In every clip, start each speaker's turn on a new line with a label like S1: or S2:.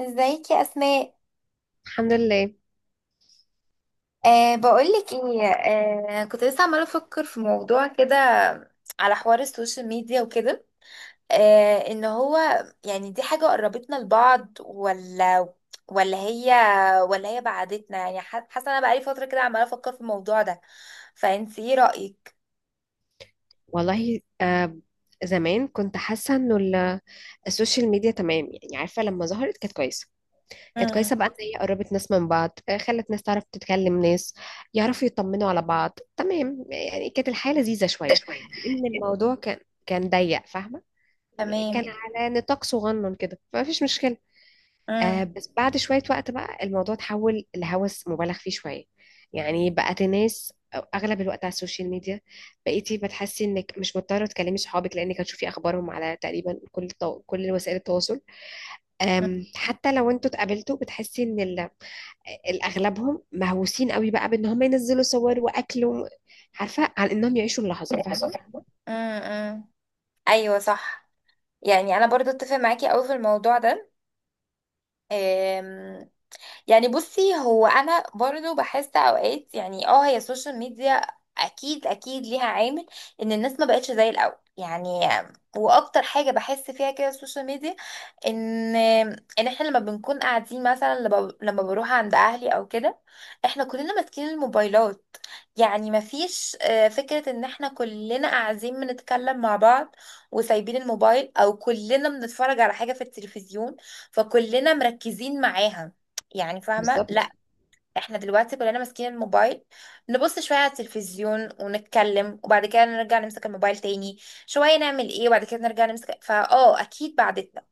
S1: ازيك يا اسماء؟
S2: الحمد لله.
S1: بقولك ايه؟ كنت لسه عماله افكر في موضوع كده، على حوار السوشيال ميديا وكده. ان هو يعني دي حاجه قربتنا لبعض، ولا هي ولا هي بعدتنا؟ يعني حاسه انا بقالي فتره كده عماله افكر في الموضوع ده. فانت ايه رايك؟
S2: والله، زمان كنت حاسه انه السوشيال ميديا تمام، يعني عارفه لما ظهرت كانت كويسه
S1: امم.
S2: بقى ان هي قربت ناس من بعض، خلت ناس تعرف تتكلم، ناس يعرفوا يطمنوا على بعض، تمام يعني كانت الحياه لذيذه شويه.
S1: شوية.
S2: لان الموضوع كان ضيق، فاهمه؟ يعني
S1: تمام.
S2: كان على نطاق صغنن كده، فما فيش مشكله.
S1: امم.
S2: بس بعد شوية وقت بقى الموضوع اتحول لهوس مبالغ فيه شوية. يعني بقت الناس أغلب الوقت على السوشيال ميديا. بقيتي بتحسي إنك مش مضطرة تكلمي صحابك، لأنك هتشوفي أخبارهم على تقريبا كل وسائل التواصل. أم حتى لو انتوا اتقابلتوا، بتحسي إن الأغلبهم مهووسين قوي، بقى بإن هم ينزلوا صور وأكل عارفة، عن إنهم يعيشوا اللحظة،
S1: ملاحظة،
S2: فاهمة؟
S1: فاهمة. امم. ايوه صح. يعني انا برضو اتفق معاكي قوي في الموضوع ده. يعني بصي، هو انا برضو بحس اوقات يعني اه هي السوشيال ميديا اكيد اكيد ليها عامل ان الناس ما بقتش زي الاول يعني. واكتر حاجه بحس فيها كده السوشيال ميديا ان ان احنا لما بنكون قاعدين، مثلا لما بروح عند اهلي او كده، احنا كلنا ماسكين الموبايلات. يعني مفيش فكره ان احنا كلنا قاعدين بنتكلم مع بعض وسايبين الموبايل، او كلنا بنتفرج على حاجه في التلفزيون فكلنا مركزين معاها. يعني فاهمة؟ لا،
S2: بالظبط.
S1: احنا دلوقتي كلنا ماسكين الموبايل، نبص شوية على التلفزيون ونتكلم وبعد كده نرجع نمسك الموبايل تاني، شوية نعمل ايه وبعد كده نرجع نمسك. فاه، اكيد بعدتنا.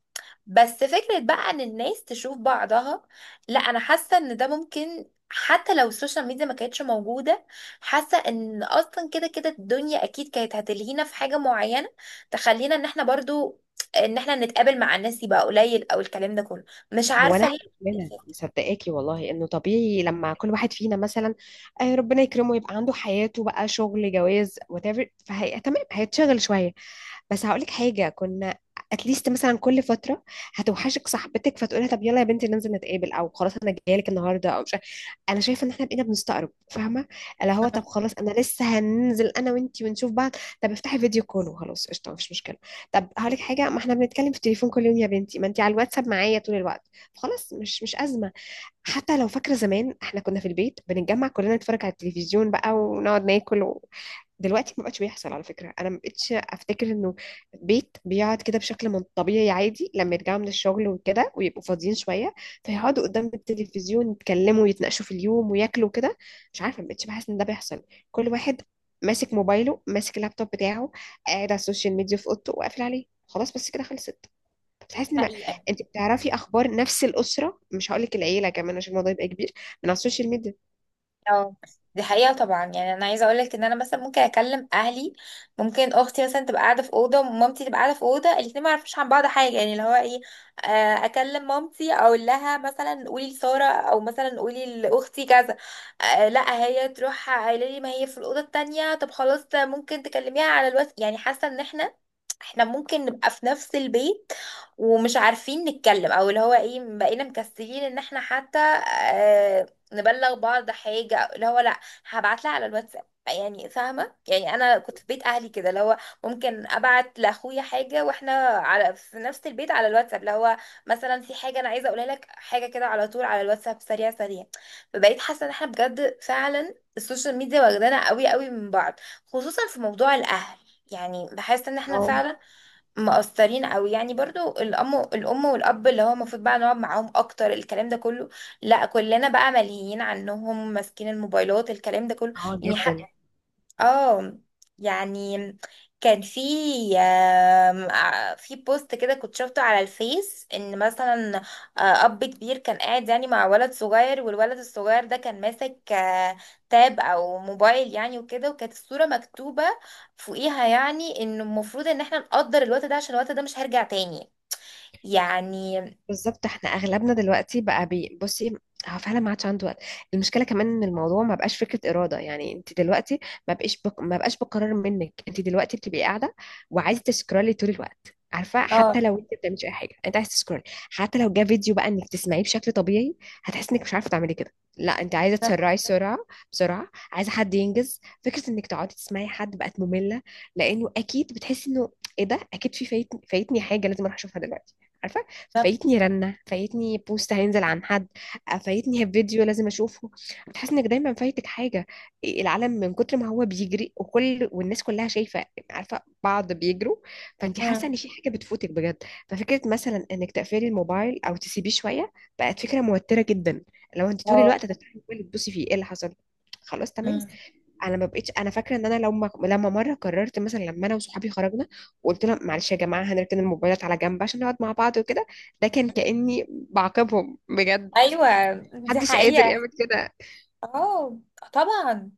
S1: بس فكرة بقى ان الناس تشوف بعضها، لا انا حاسة ان ده ممكن حتى لو السوشيال ميديا ما كانتش موجودة. حاسة ان اصلا كده كده الدنيا اكيد كانت هتلهينا في حاجة معينة تخلينا ان احنا برضو ان احنا نتقابل مع الناس يبقى قليل، او الكلام ده كله. مش
S2: هو
S1: عارفة
S2: انا
S1: ليه.
S2: مؤمنه مصدقاكي والله انه طبيعي، لما كل واحد فينا مثلا ربنا يكرمه يبقى عنده حياته، بقى شغل، جواز، whatever، فهي تمام، هيتشغل شويه. بس هقولك حاجة، كنا اتليست مثلا كل فترة هتوحشك صاحبتك فتقولها طب يلا يا بنتي ننزل نتقابل، او خلاص انا جايلك النهاردة، او مش عارف- انا شايفة ان احنا بقينا بنستقرب، فاهمة؟ اللي هو طب خلاص انا لسه هننزل انا وانتي ونشوف بعض. طب افتحي فيديو كول وخلاص، قشطة، مفيش مشكلة. طب هقولك حاجة، ما احنا بنتكلم في التليفون كل يوم يا بنتي، ما انتي على الواتساب معايا طول الوقت، خلاص، مش أزمة. حتى لو فاكرة، زمان احنا كنا في البيت بنتجمع كلنا نتفرج على التلفزيون بقى ونقعد ناكل. دلوقتي ما بقتش بيحصل، على فكرة، انا ما بقتش افتكر انه بيت بيقعد كده بشكل من طبيعي عادي، لما يرجعوا من الشغل وكده ويبقوا فاضيين شوية، فيقعدوا قدام التلفزيون يتكلموا ويتناقشوا في اليوم وياكلوا كده. مش عارفة، ما بقتش بحس ان ده بيحصل. كل واحد ماسك موبايله، ماسك اللابتوب بتاعه، قاعد على السوشيال ميديا في اوضته وقافل عليه، خلاص بس كده خلصت. بتحس ان ما...
S1: حقيقة.
S2: انت بتعرفي اخبار نفس الاسره، مش هقول لك العيله كمان عشان الموضوع يبقى كبير، من على السوشيال ميديا.
S1: اه، دي حقيقة طبعا. يعني انا عايزة اقولك ان انا مثلا ممكن اكلم اهلي. ممكن اختي مثلا تبقى قاعدة في اوضة، ومامتي تبقى قاعدة في اوضة، الاتنين ما يعرفوش عن بعض حاجة. يعني اللي هو ايه، اكلم مامتي اقول لها مثلا قولي لسارة، او مثلا قولي لاختي كذا، لا هي تروح قايله لي ما هي في الاوضة التانية، طب خلاص ممكن تكلميها على الواتس. يعني حاسة ان احنا ممكن نبقى في نفس البيت ومش عارفين نتكلم، او اللي هو ايه، بقينا مكسلين ان احنا حتى آه نبلغ بعض حاجة، أو اللي هو لا هبعت لها على الواتساب. يعني فاهمة؟ يعني انا كنت في بيت اهلي كده، اللي هو ممكن ابعت لاخويا حاجة واحنا على في نفس البيت على الواتساب، اللي هو مثلا في حاجة انا عايزة اقولها لك، حاجة كده على طول على الواتساب سريع سريع. فبقيت حاسة ان احنا بجد فعلا السوشيال ميديا واخدانا قوي قوي من بعض، خصوصا في موضوع الاهل. يعني بحس ان احنا
S2: اه.
S1: فعلا مقصرين قوي. يعني برضو الام والاب، اللي هو المفروض بقى نقعد معاهم اكتر الكلام ده كله، لا كلنا بقى ملهيين عنهم ماسكين الموبايلات الكلام ده كله.
S2: اه،
S1: يعني اه، حق.
S2: جدا.
S1: اه. يعني كان في في بوست كده كنت شفته على الفيس ان مثلا اب كبير كان قاعد يعني مع ولد صغير، والولد الصغير ده كان ماسك تاب او موبايل يعني وكده، وكانت الصورة مكتوبة فوقيها يعني انه المفروض ان احنا نقدر الوقت ده عشان الوقت ده مش هيرجع تاني. يعني
S2: بالظبط، احنا اغلبنا دلوقتي بقى بصي، هو فعلا ما عادش عنده وقت. المشكله كمان ان الموضوع ما بقاش فكره اراده، يعني انت دلوقتي ما بقاش بقرار منك، انت دلوقتي بتبقي قاعده وعايزه تسكرولي طول الوقت، عارفه؟ حتى
S1: اه.
S2: لو انت ما بتعمليش اي حاجه انت عايزه تسكرولي. حتى لو جه فيديو، بقى انك تسمعيه بشكل طبيعي، هتحسي انك مش عارفه تعملي كده، لا انت عايزه
S1: ده-
S2: تسرعي، سرعه بسرعه، عايزه حد ينجز، فكره انك تقعدي تسمعي حد بقت ممله. لانه اكيد بتحسي انه ايه ده، اكيد في فايتني حاجه لازم اروح اشوفها دلوقتي، عارفه؟
S1: ده-
S2: فايتني رنة، فايتني بوست هينزل عن حد، فايتني فيديو لازم اشوفه. بتحس انك دايما فايتك حاجة. العالم من كتر ما هو بيجري، وكل والناس كلها شايفة، عارفة بعض بيجروا، فانت حاسة
S1: مم.
S2: ان في حاجة بتفوتك بجد. ففكرة مثلا انك تقفلي الموبايل او تسيبيه شوية بقت فكرة موترة جدا، لو انت طول
S1: اه.
S2: الوقت هتفتحي الموبايل تبصي فيه ايه اللي حصل. خلاص،
S1: مم.
S2: تمام. انا ما بقتش، انا فاكره ان انا لما مره قررت، مثلا لما انا وصحابي خرجنا وقلت لهم معلش يا جماعه هنركن الموبايلات على جنب عشان نقعد مع بعض وكده، ده كان كاني بعاقبهم بجد.
S1: ايوه دي
S2: محدش قادر
S1: حقيقة.
S2: يعمل كده.
S1: اه طبعا.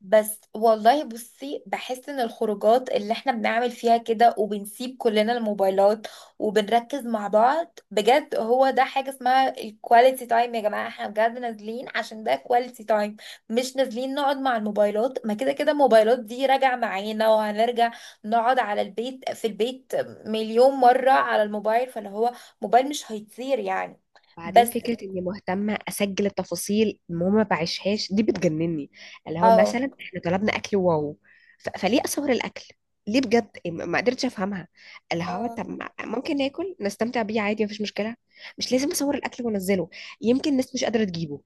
S1: بس والله بصي، بحس ان الخروجات اللي احنا بنعمل فيها كده وبنسيب كلنا الموبايلات وبنركز مع بعض بجد، هو ده حاجة اسمها الكواليتي تايم. يا جماعة احنا بجد نازلين عشان ده كواليتي تايم، مش نازلين نقعد مع الموبايلات. ما كده كده الموبايلات دي راجع معانا وهنرجع نقعد على البيت، في البيت مليون مرة على الموبايل. فاللي هو موبايل مش هيطير يعني.
S2: بعدين
S1: بس.
S2: فكره اني مهتمه اسجل التفاصيل المهم ما بعيشهاش دي بتجنني. اللي هو
S1: اه.
S2: مثلا احنا طلبنا اكل، واو، فليه اصور الاكل؟ ليه بجد، ما قدرتش افهمها. اللي هو
S1: اه.
S2: طب ممكن ناكل نستمتع بيه عادي، مفيش مشكله. مش لازم اصور الاكل وانزله. يمكن الناس مش قادره تجيبه،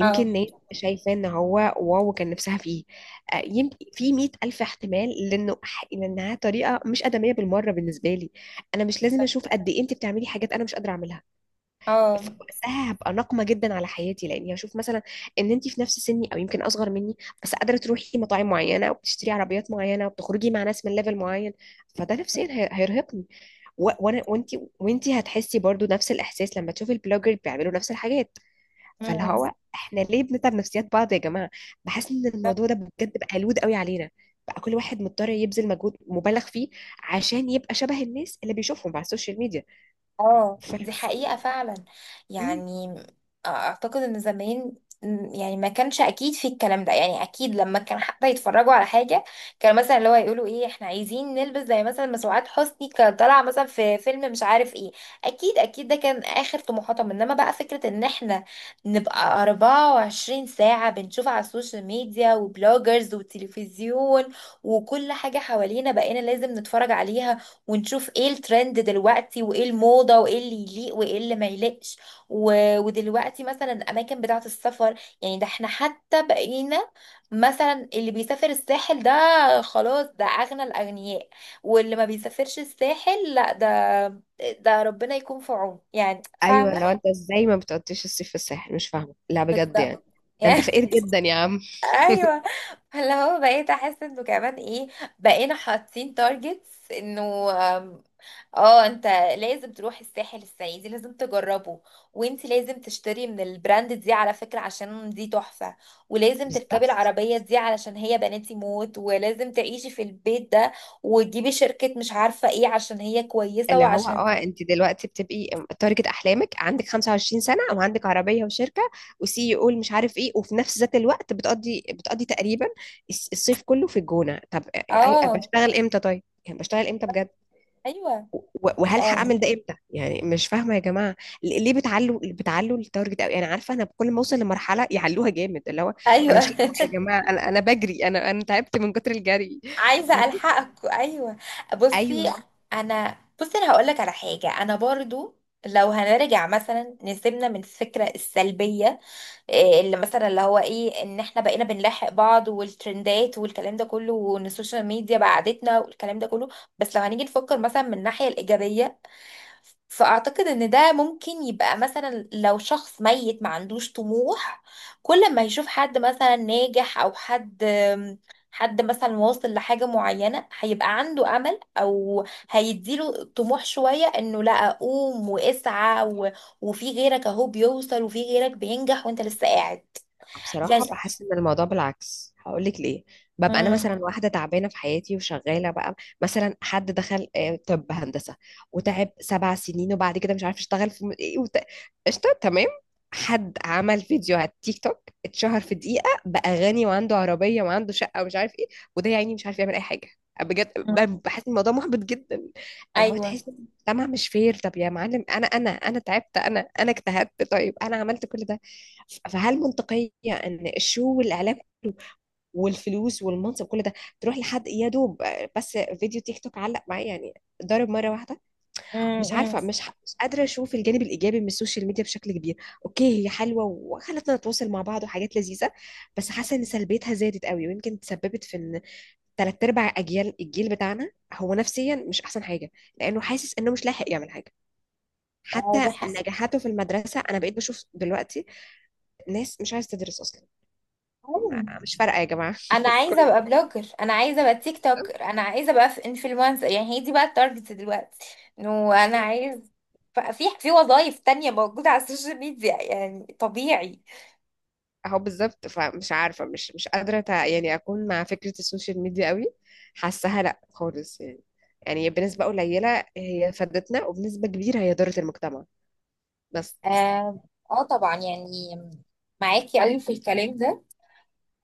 S1: اه.
S2: ناس شايفة ان هو واو كان نفسها فيه، يمكن في 100 ألف احتمال، لأنها طريقة مش آدمية بالمرة بالنسبة لي. أنا مش لازم أشوف قد إيه أنت بتعملي حاجات أنا مش قادرة أعملها.
S1: اه.
S2: فوقتها هبقى ناقمة جدا على حياتي، لأني هشوف مثلا إن أنت في نفس سني أو يمكن أصغر مني، بس قادرة تروحي مطاعم معينة وبتشتري عربيات معينة وبتخرجي مع ناس من ليفل معين. فده نفسيا هيرهقني، وأنا وأنت، وأنت هتحسي برضو نفس الإحساس لما تشوفي البلوجر بيعملوا نفس الحاجات. فاللي
S1: مم.
S2: هو احنا ليه بنتعب نفسيات بعض يا جماعه؟ بحس ان الموضوع ده بجد بقى لود قوي علينا، بقى كل واحد مضطر يبذل مجهود مبالغ فيه عشان يبقى شبه الناس اللي بيشوفهم على السوشيال ميديا.
S1: اه،
S2: ف...
S1: دي حقيقة فعلا.
S2: مم.
S1: يعني اعتقد ان زمان يعني ما كانش اكيد في الكلام ده. يعني اكيد لما كان حتى يتفرجوا على حاجة، كان مثلا اللي هو يقولوا ايه، احنا عايزين نلبس زي مثلا ما سعاد حسني كان طالعة مثلا في فيلم مش عارف ايه. اكيد اكيد ده كان اخر طموحاتهم. انما بقى فكرة ان احنا نبقى 24 ساعة بنشوف على السوشيال ميديا وبلوجرز وتلفزيون، وكل حاجة حوالينا بقينا لازم نتفرج عليها ونشوف ايه الترند دلوقتي وايه الموضة وايه اللي يليق وايه اللي ما يليقش و... ودلوقتي مثلا الاماكن بتاعة السفر. يعني ده احنا حتى بقينا، مثلا اللي بيسافر الساحل ده خلاص ده اغنى الاغنياء، واللي ما بيسافرش الساحل لا ده، ده ربنا يكون في عونه. يعني
S2: ايوه،
S1: فاهمة؟
S2: لو انت ازاي ما بتقضيش الصيف في الساحل، مش فاهمه لا،
S1: بس
S2: بجد
S1: ده
S2: يعني. ده انت
S1: يعني
S2: فقير جدا يا عم.
S1: ايوه. فاللي هو بقيت احس انه كمان ايه، بقينا حاطين تارجتس انه اه انت لازم تروح الساحل السنة دي، لازم تجربه، وانت لازم تشتري من البراند دي على فكرة عشان دي تحفة، ولازم تركبي
S2: بالظبط.
S1: العربية دي علشان هي بناتي موت، ولازم تعيشي في البيت ده، وتجيبي شركة مش عارفة ايه عشان هي كويسة
S2: اللي هو
S1: وعشان
S2: اه، انت دلوقتي بتبقي تارجت احلامك، عندك 25 سنه وعندك عربيه وشركه، وسي او مش عارف ايه، وفي نفس ذات الوقت بتقضي تقريبا الصيف كله في الجونه. طب ايوه،
S1: اه
S2: بشتغل امتى؟ طيب يعني بشتغل امتى بجد؟
S1: ايوه.
S2: وهل
S1: آه.
S2: هعمل ده امتى يعني؟ مش فاهمه يا جماعه. ليه بتعلوا التارجت قوي؟ انا عارفه، انا كل ما اوصل لمرحله يعلوها جامد، اللي هو انا مش
S1: ايوه
S2: لاحقة يا جماعه، انا بجري، انا تعبت من كتر الجري.
S1: عايزة الحقك. ايوه بصي.
S2: ايوه.
S1: انا بصي انا هقولك على حاجة. انا برضو لو هنرجع مثلا نسيبنا من الفكرة السلبية، إيه اللي مثلا اللي هو ايه ان احنا بقينا بنلاحق بعض والترندات والكلام ده كله وان السوشيال ميديا بعدتنا والكلام ده كله. بس لو هنيجي نفكر مثلا من الناحية الإيجابية، فأعتقد ان ده ممكن يبقى مثلا لو شخص ميت ما عندوش طموح، كل ما يشوف حد مثلا ناجح او حد، حد مثلا واصل لحاجة معينة، هيبقى عنده أمل، أو هيديله طموح شوية إنه لا قوم واسعى و... وفي غيرك أهو بيوصل وفي غيرك بينجح وأنت لسه قاعد. يعني.
S2: بصراحة بحس إن الموضوع بالعكس، هقولك ليه. ببقى أنا
S1: مم.
S2: مثلا واحدة تعبانة في حياتي وشغالة بقى، مثلا حد دخل، طب هندسة، وتعب 7 سنين وبعد كده مش عارف يشتغل في قشطة، تمام. حد عمل فيديو على التيك توك، اتشهر في دقيقة، بقى غني وعنده عربية وعنده شقة ومش عارف إيه. وده يا عيني مش عارف يعمل أي حاجة، بجد،
S1: مم.
S2: بحس إن الموضوع محبط جدا. اللي هو
S1: ايوه.
S2: تحس إن المجتمع مش فير. طب يا معلم، أنا تعبت، أنا اجتهدت، طيب أنا عملت كل ده، فهل منطقية إن الشو والإعلام والفلوس والمنصب كل ده تروح لحد يا دوب بس فيديو تيك توك علق معايا يعني، ضرب مرة واحدة؟
S1: مم.
S2: مش
S1: مم.
S2: عارفة، مش قادرة أشوف الجانب الإيجابي من السوشيال ميديا بشكل كبير. أوكي، هي حلوة وخلتنا نتواصل مع بعض، وحاجات لذيذة، بس حاسة إن سلبيتها زادت قوي، ويمكن تسببت في إن تلات أرباع أجيال الجيل بتاعنا هو نفسيا مش أحسن حاجة، لأنه حاسس إنه مش لاحق يعمل حاجة.
S1: آه،
S2: حتى
S1: ده حق.
S2: نجاحاته في المدرسة، أنا بقيت بشوف دلوقتي ناس مش عايزة تدرس أصلا.
S1: أيوة.
S2: مش فارقة يا جماعة،
S1: انا عايزه
S2: كله.
S1: ابقى بلوجر، انا عايزه ابقى تيك توكر، انا عايزه ابقى في انفلونسر. يعني هي دي بقى التارجت دلوقتي، انه انا عايز في وظايف تانية موجوده على السوشيال ميديا يعني طبيعي.
S2: اهو بالظبط، فمش عارفة، مش قادرة يعني اكون مع فكرة السوشيال ميديا قوي. حاساها لا، خالص يعني. يعني بنسبة قليلة هي فادتنا، وبنسبة كبيرة هي ضرت المجتمع، بس.
S1: اه. آه طبعا. يعني معاكي قوي في الكلام ده.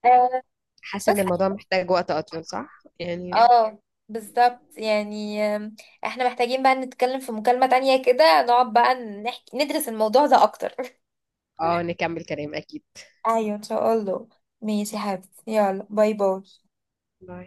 S1: آه،
S2: حاسة
S1: بس.
S2: ان الموضوع محتاج وقت اطول، صح يعني.
S1: اه بالظبط. يعني احنا محتاجين بقى نتكلم في مكالمة تانية كده، نقعد بقى نحكي ندرس الموضوع ده اكتر.
S2: اه، نكمل كلام اكيد.
S1: ايوه ان شاء الله. ماشي يا حبيبتي، يلا باي باي.
S2: باي.